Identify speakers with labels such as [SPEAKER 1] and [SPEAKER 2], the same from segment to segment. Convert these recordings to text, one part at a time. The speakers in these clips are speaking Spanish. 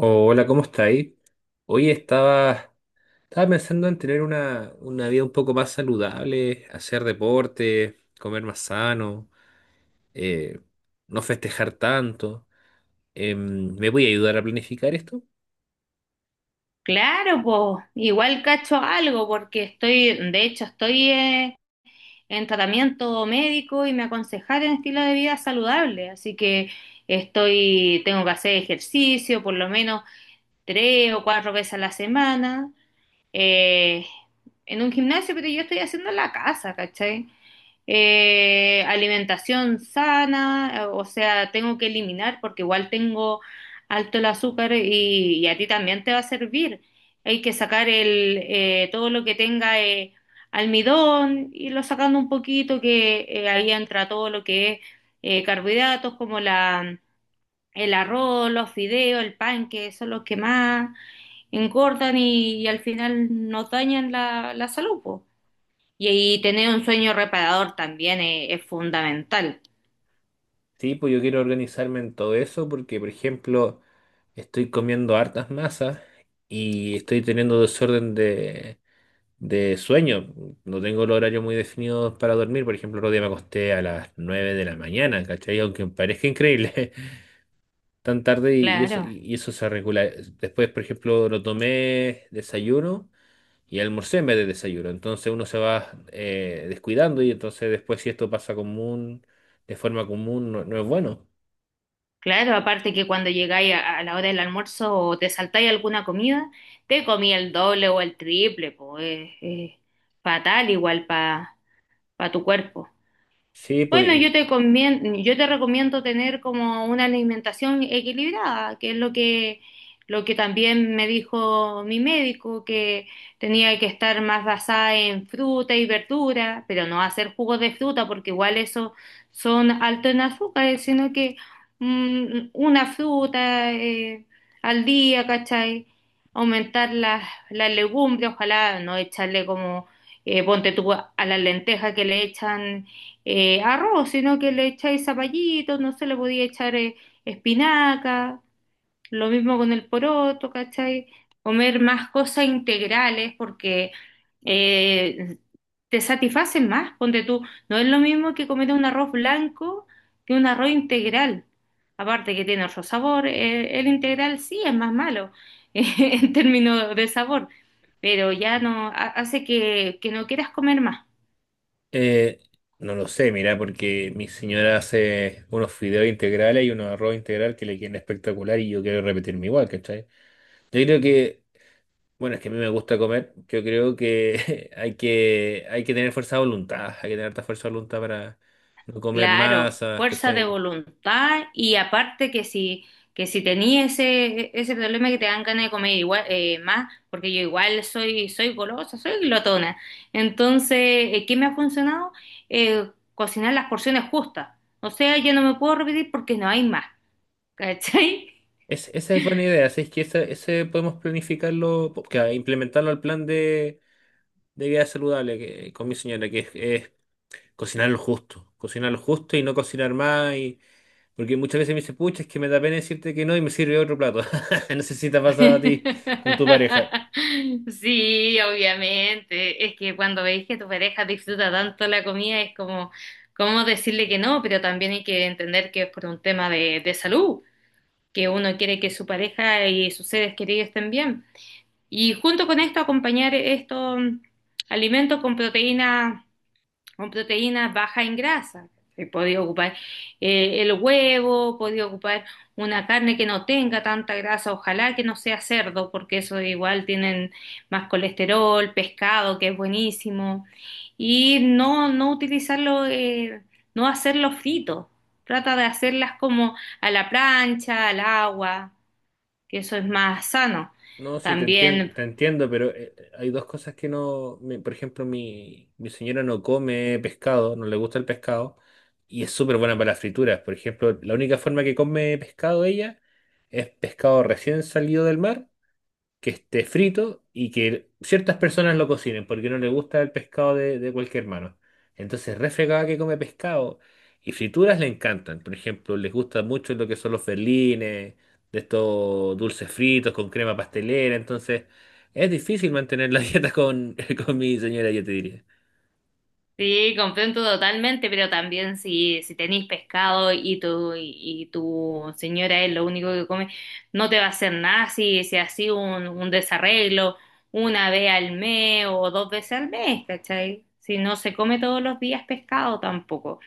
[SPEAKER 1] Hola, ¿cómo estáis? Hoy estaba pensando en tener una vida un poco más saludable, hacer deporte, comer más sano, eh, no festejar tanto. ¿Me voy a ayudar a planificar esto?
[SPEAKER 2] Claro, pues igual cacho algo porque estoy, de hecho, estoy en tratamiento médico y me aconsejaron estilo de vida saludable, así que tengo que hacer ejercicio por lo menos tres o cuatro veces a la semana, eh, en un gimnasio, pero yo estoy haciendo en la casa, ¿cachai? Alimentación sana, o sea, tengo que eliminar porque igual tengo alto el azúcar y a ti también te va a servir. Hay que sacar todo lo que tenga almidón, irlo sacando un poquito, que ahí entra todo lo que es carbohidratos como el arroz, los fideos, el pan, que son los que más engordan y al final nos dañan la salud, po. Y tener un sueño reparador también es fundamental.
[SPEAKER 1] Sí, pues yo quiero organizarme en todo eso porque, por ejemplo, estoy comiendo hartas masas y estoy teniendo desorden de sueño. No tengo el horario muy definido para dormir. Por ejemplo, el otro día me acosté a las 9 de la mañana, ¿cachai? Aunque parezca increíble, tan tarde, y eso,
[SPEAKER 2] Claro,
[SPEAKER 1] y eso se regula. Después, por ejemplo, lo tomé desayuno y almorcé en vez de desayuno. Entonces uno se va descuidando y entonces después si esto pasa común, de forma común, no, no es bueno.
[SPEAKER 2] claro, aparte que cuando llegáis a la hora del almuerzo o te saltáis alguna comida, te comí el doble o el triple, pues es, fatal igual para tu cuerpo.
[SPEAKER 1] Sí, pues
[SPEAKER 2] Bueno,
[SPEAKER 1] y,
[SPEAKER 2] yo te recomiendo tener como una alimentación equilibrada, que es lo que también me dijo mi médico, que tenía que estar más basada en fruta y verdura, pero no hacer jugos de fruta, porque igual eso son altos en azúcares, sino que una fruta al día, ¿cachai? Aumentar las legumbres, ojalá no echarle como, ponte tú a las lentejas que le echan arroz, sino que le echáis zapallito, no se le podía echar espinaca, lo mismo con el poroto, ¿cachai? Comer más cosas integrales porque eh, te satisfacen más, ponte tú, no es lo mismo que comer un arroz blanco que un arroz integral, aparte que tiene otro sabor, el integral sí es más malo en términos de sabor, pero ya no ha- hace que no quieras comer más.
[SPEAKER 1] eh, no lo sé, mira, porque mi señora hace unos fideos integrales y unos arroz integral que le quieren espectacular y yo quiero repetirme igual, ¿cachai? Yo creo que bueno, es que a mí me gusta comer. Yo creo que hay que tener fuerza de voluntad, hay que tener harta fuerza de voluntad para no comer
[SPEAKER 2] Claro,
[SPEAKER 1] masas,
[SPEAKER 2] fuerza de
[SPEAKER 1] ¿cachai?
[SPEAKER 2] voluntad y aparte que si tenía ese problema que te dan ganas de comer igual, más, porque yo igual soy golosa, soy glotona. Entonces, ¿qué me ha funcionado? Cocinar las porciones justas. O sea, yo no me puedo repetir porque no hay más. ¿Cachai?
[SPEAKER 1] Esa es buena idea, así es que ese podemos planificarlo, que, implementarlo al plan de vida saludable que, con mi señora, que es cocinar lo justo y no cocinar más, y, porque muchas veces me dice, pucha, es que me da pena decirte que no y me sirve otro plato. No sé si te ha pasado a ti con tu pareja.
[SPEAKER 2] Sí, obviamente. Es que cuando veis que tu pareja disfruta tanto la comida, es como, ¿cómo decirle que no? Pero también hay que entender que es por un tema de salud, que uno quiere que su pareja y sus seres queridos estén bien. Y junto con esto, acompañar estos alimentos con proteínas bajas en grasa. Podía ocupar el huevo, podía ocupar una carne que no tenga tanta grasa, ojalá que no sea cerdo, porque eso igual tienen más colesterol, pescado, que es buenísimo. Y no utilizarlo, no hacerlo frito. Trata de hacerlas como a la plancha, al agua, que eso es más sano.
[SPEAKER 1] No, sí,
[SPEAKER 2] También
[SPEAKER 1] te entiendo, pero hay dos cosas que no. Por ejemplo, mi señora no come pescado, no le gusta el pescado, y es súper buena para las frituras. Por ejemplo, la única forma que come pescado ella es pescado recién salido del mar que esté frito y que ciertas personas lo cocinen porque no le gusta el pescado de cualquier mano. Entonces, refregada que come pescado y frituras le encantan. Por ejemplo, les gusta mucho lo que son los berlines, de estos dulces fritos con crema pastelera. Entonces, es difícil mantener la dieta con mi señora, yo te diría.
[SPEAKER 2] Sí, comprendo totalmente, pero también si tenéis pescado y y tu señora es lo único que come, no te va a hacer nada si así un desarreglo una vez al mes o dos veces al mes, ¿cachai? Si no se come todos los días pescado tampoco.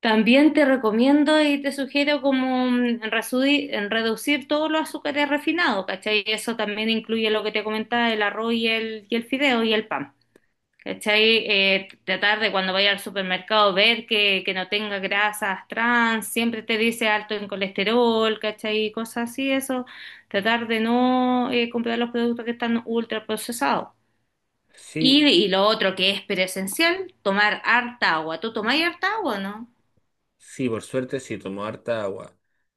[SPEAKER 2] También te recomiendo y te sugiero como en reducir todos los azúcares refinados, ¿cachai? Eso también incluye lo que te comentaba, el arroz y y el fideo y el pan. ¿Cachai? Tratar de cuando vaya al supermercado ver que no tenga grasas trans, siempre te dice alto en colesterol, ¿cachai? Cosas así, eso. Tratar de no comprar los productos que están ultra procesados. Y,
[SPEAKER 1] Sí.
[SPEAKER 2] y lo otro que es pero esencial, tomar harta agua. ¿Tú tomás harta agua, o no?
[SPEAKER 1] Sí, por suerte sí, tomo harta agua.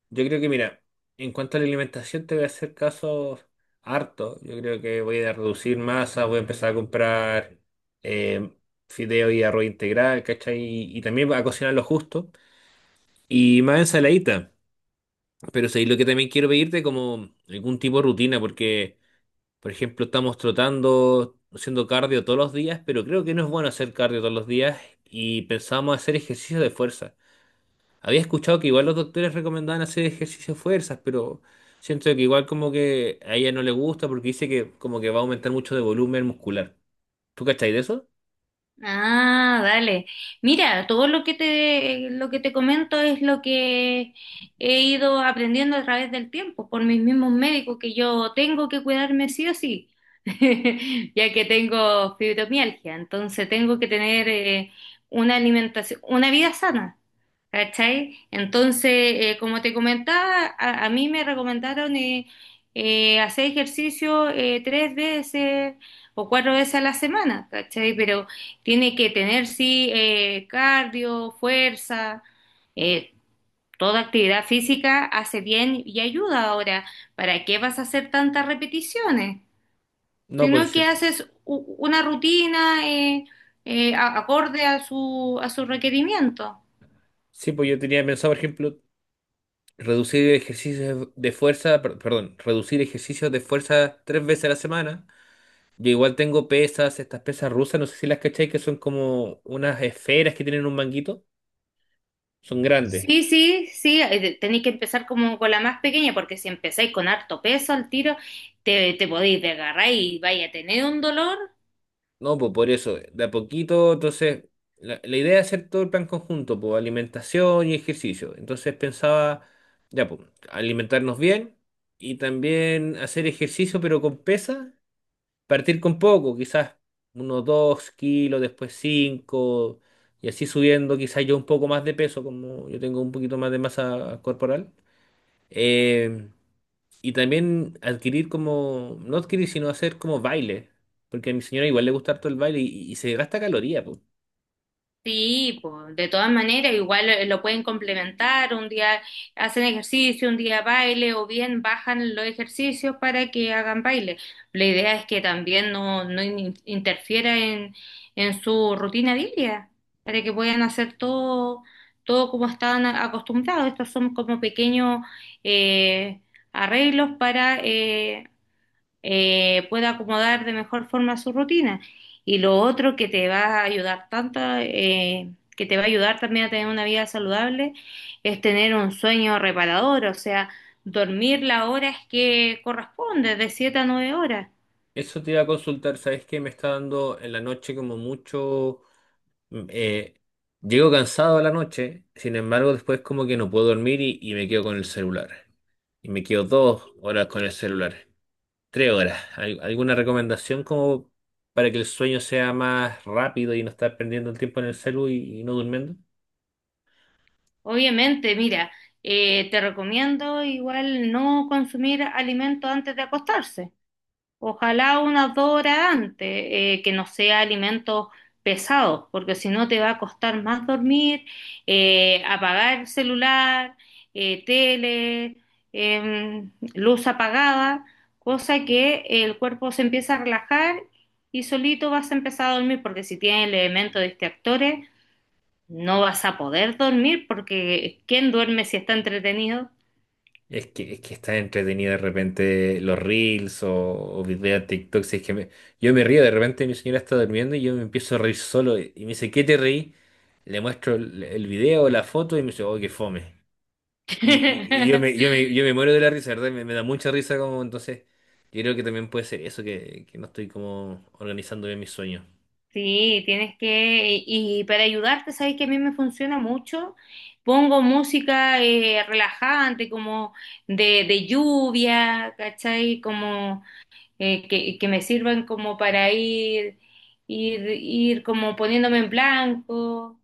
[SPEAKER 1] Yo creo que, mira, en cuanto a la alimentación te voy a hacer caso harto. Yo creo que voy a reducir masa, voy a empezar a comprar eh, fideo y arroz integral, ¿cachai? Y también a cocinar lo justo. Y más ensaladita. Pero sí, lo que también quiero pedirte como algún tipo de rutina, porque, por ejemplo, estamos trotando, haciendo cardio todos los días, pero creo que no es bueno hacer cardio todos los días y pensamos hacer ejercicio de fuerza. Había escuchado que igual los doctores recomendaban hacer ejercicio de fuerzas, pero siento que igual como que a ella no le gusta porque dice que como que va a aumentar mucho de volumen muscular. ¿Tú cachai de eso?
[SPEAKER 2] Ah, vale. Mira, todo lo que te, comento es lo que he ido aprendiendo a través del tiempo por mis mismos médicos, que yo tengo que cuidarme sí o sí, ya que tengo fibromialgia, entonces tengo que tener una alimentación, una vida sana. ¿Cachai? Entonces, como te comentaba, a mí me recomendaron hacer ejercicio tres veces o cuatro veces a la semana, ¿cachai? Pero tiene que tener, sí, cardio, fuerza, eh, toda actividad física hace bien y ayuda ahora. ¿Para qué vas a hacer tantas repeticiones?
[SPEAKER 1] No, pues
[SPEAKER 2] Sino que
[SPEAKER 1] sí,
[SPEAKER 2] haces una rutina acorde a su requerimiento.
[SPEAKER 1] sí, pues yo tenía pensado, por ejemplo, reducir ejercicios de fuerza, perdón, reducir ejercicios de fuerza tres veces a la semana. Yo igual tengo pesas, estas pesas rusas, no sé si las cachai, que son como unas esferas que tienen un manguito. Son grandes.
[SPEAKER 2] Sí, sí, sí, tenéis que empezar como con la más pequeña, porque si empezáis con harto peso al tiro, te podéis desgarrar y vais a tener un dolor.
[SPEAKER 1] No, pues por eso, de a poquito, entonces, la idea es hacer todo el plan conjunto, pues alimentación y ejercicio. Entonces pensaba, ya, pues, alimentarnos bien y también hacer ejercicio, pero con pesa, partir con poco, quizás unos 2 kilos, después 5 y así subiendo, quizás yo un poco más de peso, como yo tengo un poquito más de masa corporal. Eh, y también adquirir como, no adquirir, sino hacer como baile, porque a mi señora igual le gusta harto el baile y se gasta caloría, pues.
[SPEAKER 2] Sí, pues, de todas maneras, igual lo pueden complementar, un día hacen ejercicio, un día baile, o bien bajan los ejercicios para que hagan baile. La idea es que también no interfiera en su rutina diaria, para que puedan hacer todo, todo como están acostumbrados. Estos son como pequeños eh, arreglos para pueda acomodar de mejor forma su rutina. Y lo otro que te va a ayudar tanto, que te va a ayudar también a tener una vida saludable, es tener un sueño reparador, o sea, dormir las horas que corresponde, de 7 a 9 horas.
[SPEAKER 1] Eso te iba a consultar, ¿sabes qué? Me está dando en la noche como mucho, mm, eh, llego cansado a la noche, sin embargo después como que no puedo dormir y me quedo con el celular. Y me quedo 2 horas con el celular, 3 horas. ¿Alguna recomendación como para que el sueño sea más rápido y no estar perdiendo el tiempo en el celu y no durmiendo?
[SPEAKER 2] Obviamente, mira, te recomiendo igual no consumir alimentos antes de acostarse. Ojalá unas 2 horas antes, que no sea alimentos pesados, porque si no te va a costar más dormir, apagar celular, tele, luz apagada, cosa que el cuerpo se empieza a relajar y solito vas a empezar a dormir, porque si tienes el elemento de distractores, no vas a poder dormir, porque ¿quién duerme si está entretenido?
[SPEAKER 1] Es que está entretenido de repente los reels o videos de TikTok. Si es que yo me río, de repente mi señora está durmiendo y yo me empiezo a reír solo. Y me dice, ¿qué te reí? Le muestro el video, la foto y me dice, oh, qué fome. Y yo me, yo me, yo me muero de la risa, ¿verdad? Me da mucha risa como entonces. Yo creo que también puede ser eso, que no estoy como organizando bien mis sueños.
[SPEAKER 2] Sí, y para ayudarte, sabes que a mí me funciona mucho. Pongo música relajante, como de lluvia, ¿cachai? Como que me sirvan como para ir como poniéndome en blanco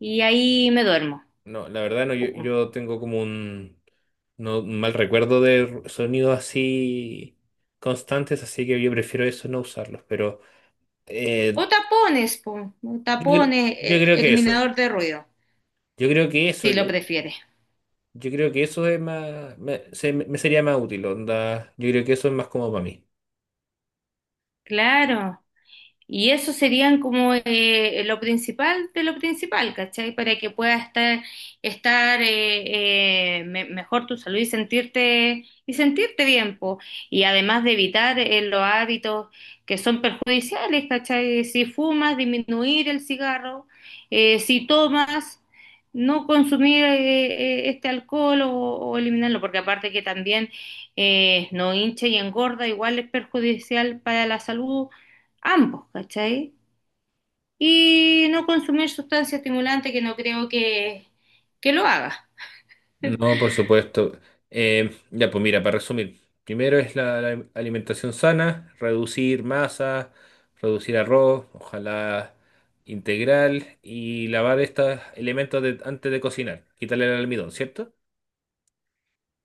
[SPEAKER 2] y ahí me duermo.
[SPEAKER 1] No, la verdad no, yo,
[SPEAKER 2] Pum.
[SPEAKER 1] yo tengo como un, no, un mal recuerdo de sonidos así constantes, así que yo prefiero eso no usarlos, pero
[SPEAKER 2] O
[SPEAKER 1] eh,
[SPEAKER 2] tapones, pum, o tapones,
[SPEAKER 1] yo creo que eso,
[SPEAKER 2] eliminador de ruido,
[SPEAKER 1] yo creo que eso,
[SPEAKER 2] si lo
[SPEAKER 1] yo,
[SPEAKER 2] prefieres.
[SPEAKER 1] yo creo que eso es más, me sería más útil, onda, yo creo que eso es más como para mí.
[SPEAKER 2] Claro. Y eso serían como lo principal de lo principal, ¿cachai? Para que puedas estar mejor tu salud sentirte bien, po. Y además de evitar los hábitos que son perjudiciales, ¿cachai? Si fumas, disminuir el cigarro, si tomas, no consumir este alcohol o eliminarlo, porque aparte que también no hincha y engorda, igual es perjudicial para la salud ambos, ¿cachai? Y no consumir sustancia estimulante que no creo que lo haga.
[SPEAKER 1] No, por supuesto. Ya, pues mira, para resumir, primero es la alimentación sana, reducir masa, reducir arroz, ojalá integral, y lavar estos elementos antes de cocinar, quitarle el almidón, ¿cierto?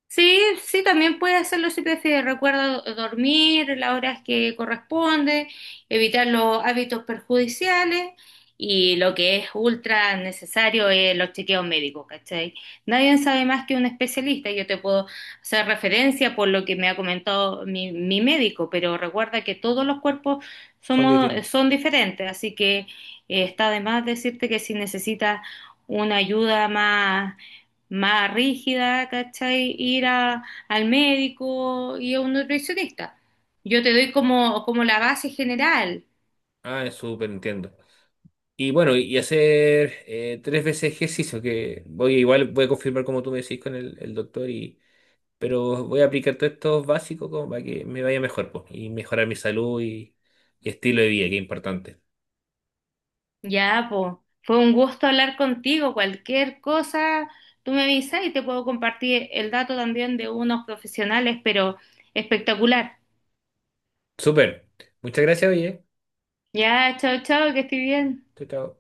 [SPEAKER 2] Sí, sí, también puede hacerlo si prefieres. Recuerda dormir las horas que corresponde, evitar los hábitos perjudiciales y lo que es ultra necesario es los chequeos médicos, ¿cachai? Nadie sabe más que un especialista. Yo te puedo hacer referencia por lo que me ha comentado mi médico, pero recuerda que todos los cuerpos
[SPEAKER 1] Son distintos.
[SPEAKER 2] son diferentes, así que está de más decirte que si necesitas una ayuda más rígida, ¿cachai? Ir al médico y a un nutricionista. Yo te doy como la base general.
[SPEAKER 1] Ah, es súper, entiendo. Y bueno, y hacer tres veces ejercicio, que voy igual voy a confirmar como tú me decís con el doctor, pero voy a aplicar todos estos básicos como para que me vaya mejor, pues, y mejorar mi salud y estilo de vida, que es importante.
[SPEAKER 2] Ya, po. Fue un gusto hablar contigo. Cualquier cosa, tú me avisas y te puedo compartir el dato también de unos profesionales, pero espectacular.
[SPEAKER 1] Súper. Muchas gracias, oye.
[SPEAKER 2] Ya, chao, chao, que estoy bien.
[SPEAKER 1] Chao, chao.